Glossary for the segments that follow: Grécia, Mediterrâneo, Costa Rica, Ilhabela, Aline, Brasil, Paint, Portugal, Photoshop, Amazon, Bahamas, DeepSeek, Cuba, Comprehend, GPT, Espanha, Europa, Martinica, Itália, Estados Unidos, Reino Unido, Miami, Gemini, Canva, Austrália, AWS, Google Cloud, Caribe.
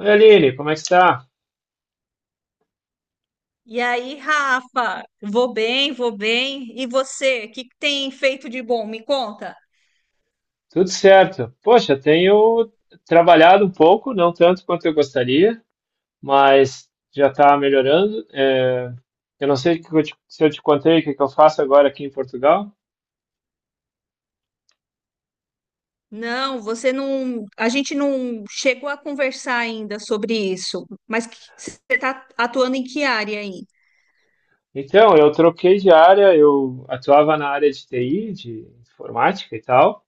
Oi, Aline, como é que está? E aí, Rafa, vou bem, vou bem. E você, o que tem feito de bom? Me conta. Tudo certo. Poxa, tenho trabalhado um pouco, não tanto quanto eu gostaria, mas já está melhorando. Eu não sei o que se eu te contei o que que eu faço agora aqui em Portugal. Não, você não. A gente não chegou a conversar ainda sobre isso, mas você está atuando em que área aí? Então, eu troquei de área, eu atuava na área de TI, de informática e tal.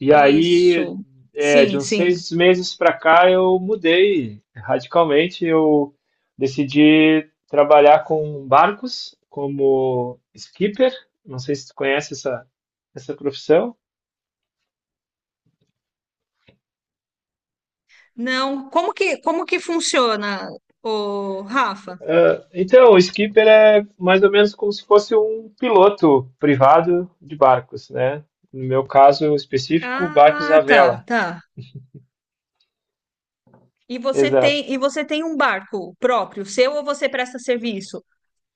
E aí, Isso. De Sim, uns sim. 6 meses para cá, eu mudei radicalmente. Eu decidi trabalhar com barcos como skipper. Não sei se tu conhece essa profissão. Não, como que funciona, o Rafa? Ah, então, o skipper é mais ou menos como se fosse um piloto privado de barcos, né? No meu caso específico, barcos à Ah, tá, vela. tá. E você Exato. tem, e você tem um barco próprio, seu ou você presta serviço?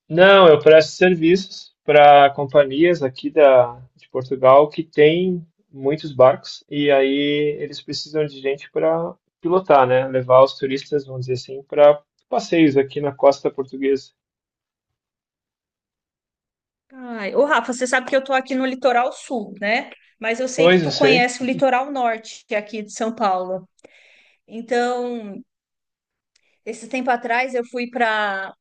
Não, eu presto serviços para companhias aqui de Portugal que têm muitos barcos, e aí eles precisam de gente para pilotar, né? Levar os turistas, vamos dizer assim, para passeios aqui na costa portuguesa. Ai, ô Rafa, você sabe que eu tô aqui no litoral sul, né? Mas eu sei que Pois eu tu sei. conhece o litoral norte aqui de São Paulo. Então, esse tempo atrás eu fui para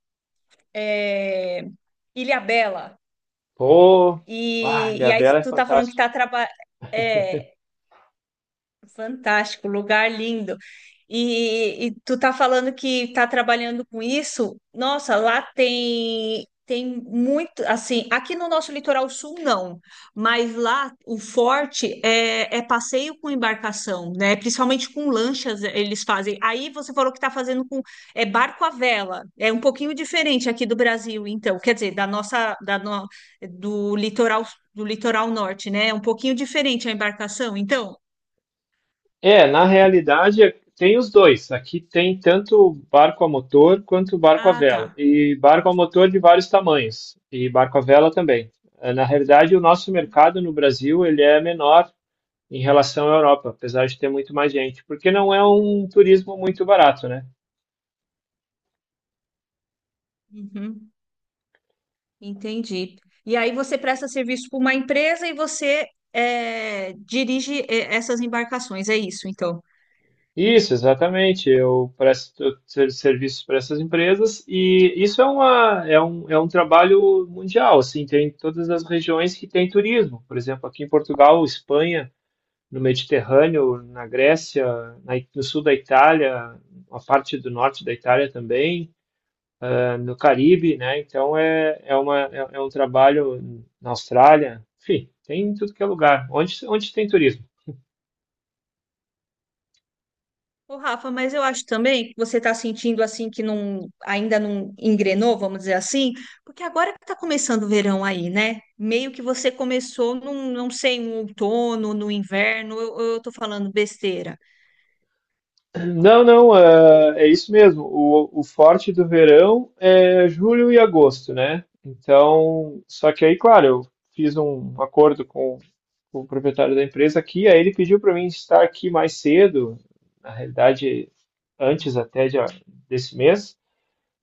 Ilhabela Pô, e aí Ilhabela é tu tá falando que tá fantástica. trabalhando. Fantástico, lugar lindo. E tu tá falando que tá trabalhando com isso? Nossa, lá tem muito, assim, aqui no nosso litoral sul não, mas lá o forte é passeio com embarcação, né? Principalmente com lanchas eles fazem. Aí você falou que tá fazendo com é barco à vela. É um pouquinho diferente aqui do Brasil, então, quer dizer, da nossa da no- do litoral do litoral norte, né? É um pouquinho diferente a embarcação, então. Na realidade tem os dois. Aqui tem tanto barco a motor quanto barco a Ah, tá. vela. E barco a motor de vários tamanhos. E barco a vela também. Na realidade, o nosso mercado no Brasil ele é menor em relação à Europa, apesar de ter muito mais gente, porque não é um turismo muito barato, né? Uhum, entendi. E aí você presta serviço para uma empresa e você é, dirige é, essas embarcações, é isso, então. Isso, exatamente. Eu presto serviços para essas empresas, e isso é um trabalho mundial, assim, tem todas as regiões que tem turismo. Por exemplo, aqui em Portugal, Espanha, no Mediterrâneo, na Grécia, no sul da Itália, a parte do norte da Itália também, no Caribe, né? Então é, é um trabalho na Austrália, enfim, tem em tudo que é lugar. Onde tem turismo? Ô, Rafa, mas eu acho também que você está sentindo assim que não ainda não engrenou, vamos dizer assim, porque agora que está começando o verão aí, né? Meio que você começou num, não sei, no outono, no inverno, eu tô falando besteira. Não, não, é isso mesmo. O forte do verão é julho e agosto, né? Então, só que aí, claro, eu fiz um acordo com o proprietário da empresa aqui, aí ele pediu para mim estar aqui mais cedo. Na realidade, antes até desse mês,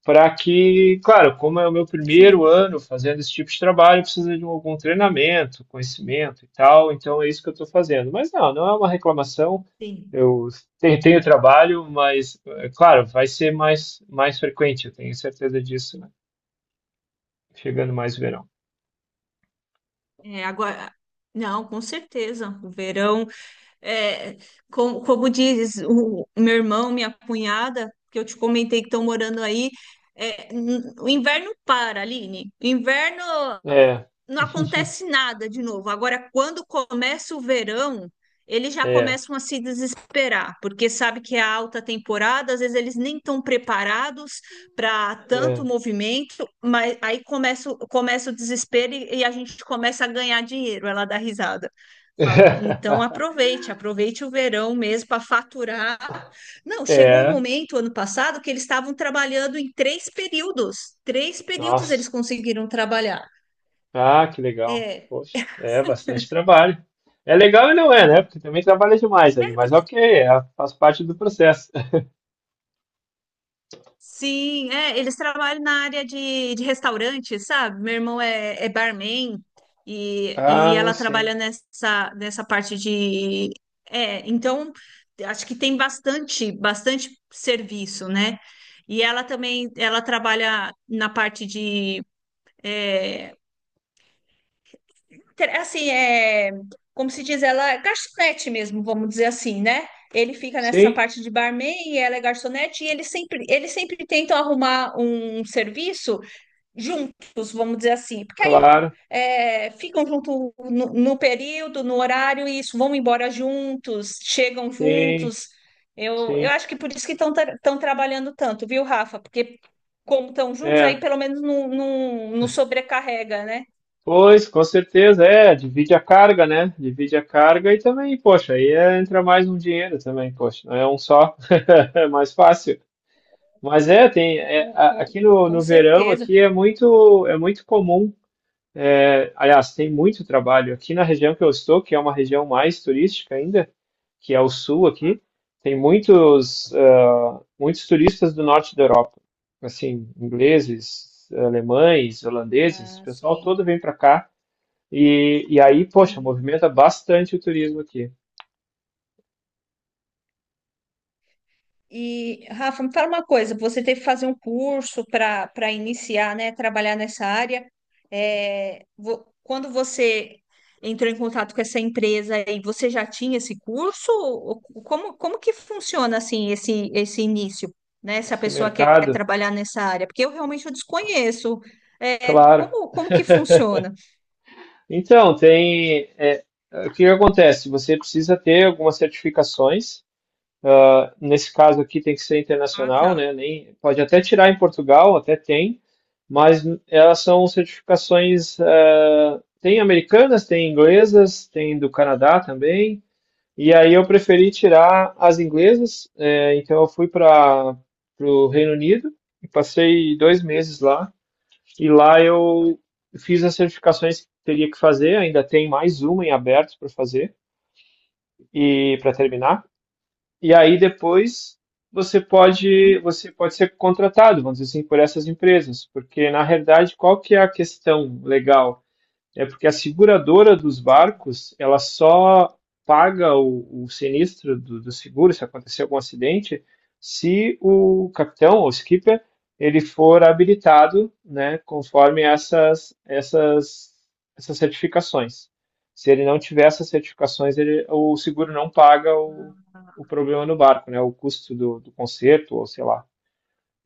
para que, claro, como é o meu primeiro Sim, ano fazendo esse tipo de trabalho, precisa de algum treinamento, conhecimento e tal, então é isso que eu estou fazendo. Mas não, não é uma reclamação, sim. eu tenho trabalho, mas, é claro, vai ser mais frequente, eu tenho certeza disso, né? Chegando mais verão. É, agora, não, com certeza. O verão, é, como diz o meu irmão, minha cunhada, que eu te comentei que estão morando aí. É, o inverno para, Aline. O inverno É, não acontece nada de novo. Agora, quando começa o verão, eles já é, começam a se desesperar, porque sabe que é a alta temporada, às vezes eles nem estão preparados para tanto é. movimento, mas aí começa, começa o desespero e a gente começa a ganhar dinheiro. Ela dá risada. Falo, então aproveite, aproveite o verão mesmo para faturar. Não, chegou um É, momento ano passado que eles estavam trabalhando em três períodos. Três períodos nossa. eles conseguiram trabalhar. Ah, que legal. É. Poxa, é bastante trabalho. É legal e não é, né? Sim. Porque também trabalha demais aí, É, mas porque. ok, faz parte do processo. Sim, é, eles trabalham na área de restaurante, sabe? Meu irmão é, é barman e, e Ah, ela sim. trabalha nessa, nessa parte de. É, então, acho que tem bastante, bastante serviço, né? E ela também, ela trabalha na parte de assim, é, como se diz, ela é garçonete mesmo, vamos dizer assim, né? Ele fica nessa Sim, parte de barman e ela é garçonete e eles sempre tentam arrumar um serviço juntos, vamos dizer assim, porque aí claro. é, ficam junto no, no período, no horário, e isso, vão embora juntos, chegam Sim, juntos. Eu sim. acho que por isso que estão trabalhando tanto, viu, Rafa? Porque como estão juntos, aí É. pelo menos não, não, não sobrecarrega, né? Pois, com certeza, divide a carga, né? Divide a carga, e também, poxa, aí entra mais um dinheiro também, poxa, não é um só, é mais fácil. Mas Com, com, aqui no, com no verão, certeza. aqui é muito comum. Aliás, tem muito trabalho. Aqui na região que eu estou, que é uma região mais turística ainda, que é o sul aqui, tem muitos turistas do norte da Europa. Assim, ingleses, alemães, holandeses, o Ah, pessoal sim, todo vem para cá. E aí, poxa, sim. movimenta bastante o turismo aqui. E, Rafa, me fala uma coisa, você teve que fazer um curso para iniciar, né, trabalhar nessa área. É, quando você entrou em contato com essa empresa aí, você já tinha esse curso? Ou como, como que funciona, assim, esse início, né? Se a Esse pessoa quer mercado, trabalhar nessa área, porque eu realmente eu desconheço. É, claro. como, como que funciona? Então, o que que acontece? Você precisa ter algumas certificações. Ah, nesse caso aqui tem que ser Ah, tá. internacional, né? Nem, pode até tirar em Portugal, até tem, mas elas são certificações, tem americanas, tem inglesas, tem do Canadá também. E aí eu preferi tirar as inglesas. Então eu fui para o Reino Unido e passei 2 meses lá. E lá eu fiz as certificações que teria que fazer, ainda tem mais uma em aberto para fazer e para terminar. E aí depois você pode, Uhum. você pode ser contratado, vamos dizer assim, por essas empresas, porque na realidade qual que é a questão legal? É porque a seguradora dos Sim, barcos, ela sim, só paga o sinistro do seguro, se acontecer algum acidente, se o capitão ou skipper ele for habilitado, né, conforme essas certificações. Se ele não tiver essas certificações, o seguro não paga o problema no barco, né, o custo do conserto, ou sei lá.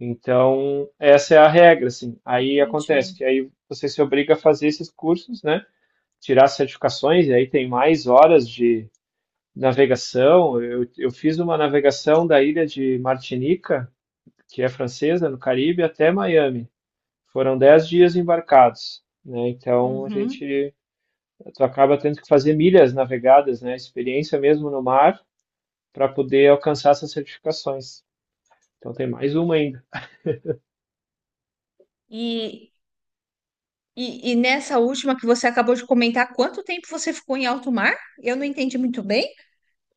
Então, essa é a regra, assim. Aí acontece entendi. que aí você se obriga a fazer esses cursos, né, tirar certificações, e aí tem mais horas de navegação. Eu fiz uma navegação da ilha de Martinica, que é francesa, no Caribe, até Miami. Foram 10 dias embarcados. Né? Então a Uhum. gente tu acaba tendo que fazer milhas navegadas, né? Experiência mesmo no mar, para poder alcançar essas certificações. Então tem mais uma ainda. E, e nessa última que você acabou de comentar, quanto tempo você ficou em alto mar? Eu não entendi muito bem.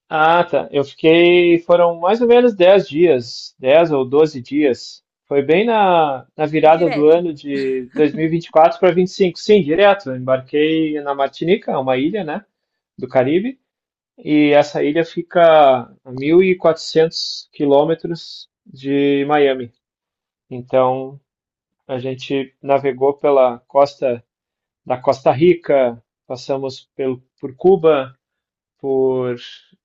Ah, tá. Eu fiquei, foram mais ou menos 10 dias, 10 ou 12 dias. Foi bem na virada do Direto. ano de dois mil e vinte e quatro para 25. Sim, direto. Eu embarquei na Martinica, uma ilha, né, do Caribe. E essa ilha fica a 1.400 quilômetros de Miami. Então, a gente navegou pela costa da Costa Rica, passamos por Cuba, por,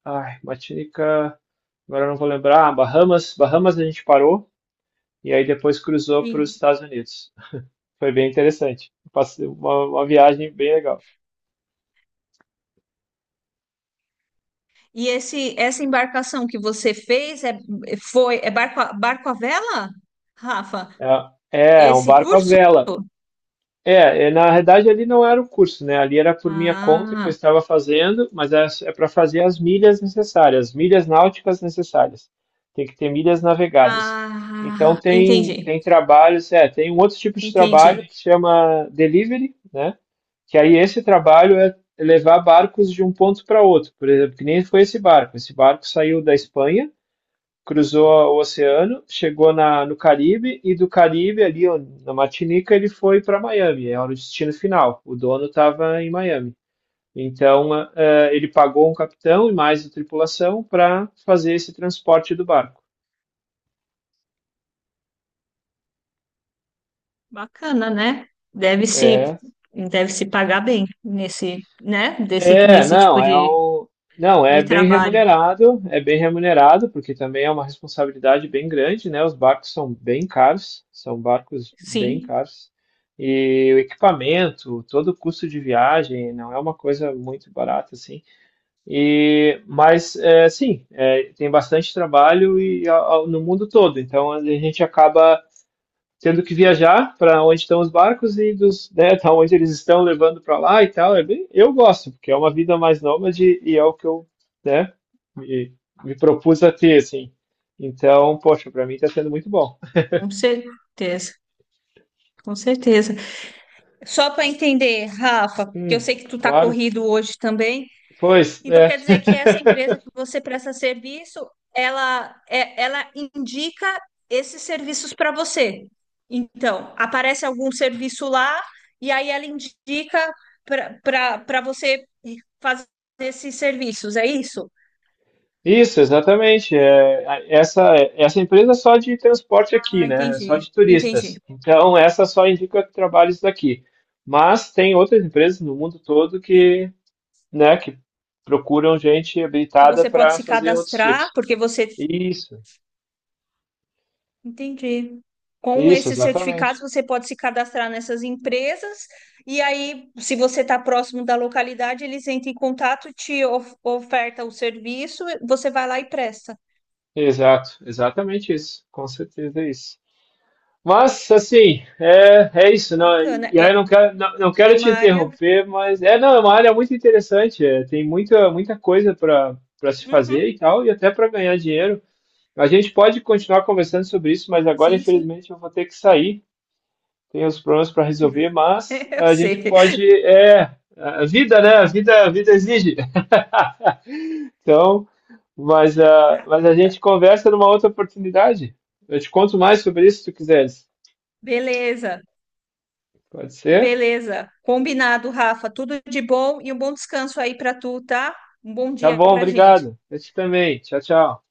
ai, Martinica. Agora eu não vou lembrar. Ah, Bahamas a gente parou, e aí depois cruzou para os Sim. Estados Unidos. Foi bem interessante. Passei uma viagem bem legal. E esse, essa embarcação que você fez é, foi, é barco, barco à vela, Rafa? É, é um Esse barco à curso? vela. Na verdade ali não era o curso, né? Ali era por minha conta que eu Ah, estava fazendo, mas é para fazer as milhas necessárias, as milhas náuticas necessárias. Tem que ter milhas navegadas. Então ah, tem entendi, trabalhos. Tem um outro tipo de trabalho entendi. que se chama delivery, né? Que aí esse trabalho é levar barcos de um ponto para outro. Por exemplo, que nem foi esse barco. Esse barco saiu da Espanha, cruzou o oceano, chegou no Caribe, e do Caribe ali ó, na Martinica, ele foi para Miami, era o destino final. O dono estava em Miami. Então ele pagou um capitão e mais a tripulação para fazer esse transporte do barco. Bacana, né? Deve se, É deve se pagar bem nesse, né? Desse, nesse não, tipo não, de trabalho. É bem remunerado, porque também é uma responsabilidade bem grande, né? Os barcos são bem caros, são barcos bem Sim. caros. E o equipamento, todo o custo de viagem, não é uma coisa muito barata, assim. Mas, sim, tem bastante trabalho, e no mundo todo. Então, a gente acaba tendo que viajar para onde estão os barcos né, tá onde eles estão levando para lá e tal. É bem, eu gosto, porque é uma vida mais nômade, e é o que né, me, me propus a ter, assim. Então, poxa, para mim está sendo muito bom. Com certeza, com certeza. Só para entender, Rafa, porque eu Hum, sei que tu está claro. corrido hoje também, Pois, então é. quer dizer que essa empresa que você presta serviço, ela, ela indica esses serviços para você. Então, aparece algum serviço lá e aí ela indica para você fazer esses serviços, é isso? Isso, exatamente. Essa empresa é só de transporte aqui, Ah, né? É só entendi, de entendi. turistas. Então, essa só indica trabalhos daqui. Mas tem outras empresas no mundo todo que, né, que procuram gente Que habilitada você pode para se fazer outros cadastrar, tipos. porque você Isso, entendi. Com isso, esses exatamente. certificados, você pode se cadastrar nessas empresas, e aí, se você está próximo da localidade, eles entram em contato, te oferta o serviço, você vai lá e presta. Exato, exatamente isso. Com certeza é isso. Mas, assim, é isso. Não, Bacana. e aí eu É, não quero, não, não é quero te uma área. interromper, mas não, é uma área muito interessante. Tem muita, muita coisa para se fazer Uhum. e tal, e até para ganhar dinheiro. A gente pode continuar conversando sobre isso, mas agora, Sim, sim. infelizmente, eu vou ter que sair. Tem os problemas para resolver, mas Eu a gente sei. pode, é, a vida, né? A vida exige. Então, mas a gente conversa numa outra oportunidade. Eu te conto mais sobre isso se tu quiseres. Beleza, Pode ser? beleza. Combinado, Rafa. Tudo de bom e um bom descanso aí para tu, tá? Um bom Tá dia bom, para gente. obrigado. Eu te também. Tchau, tchau.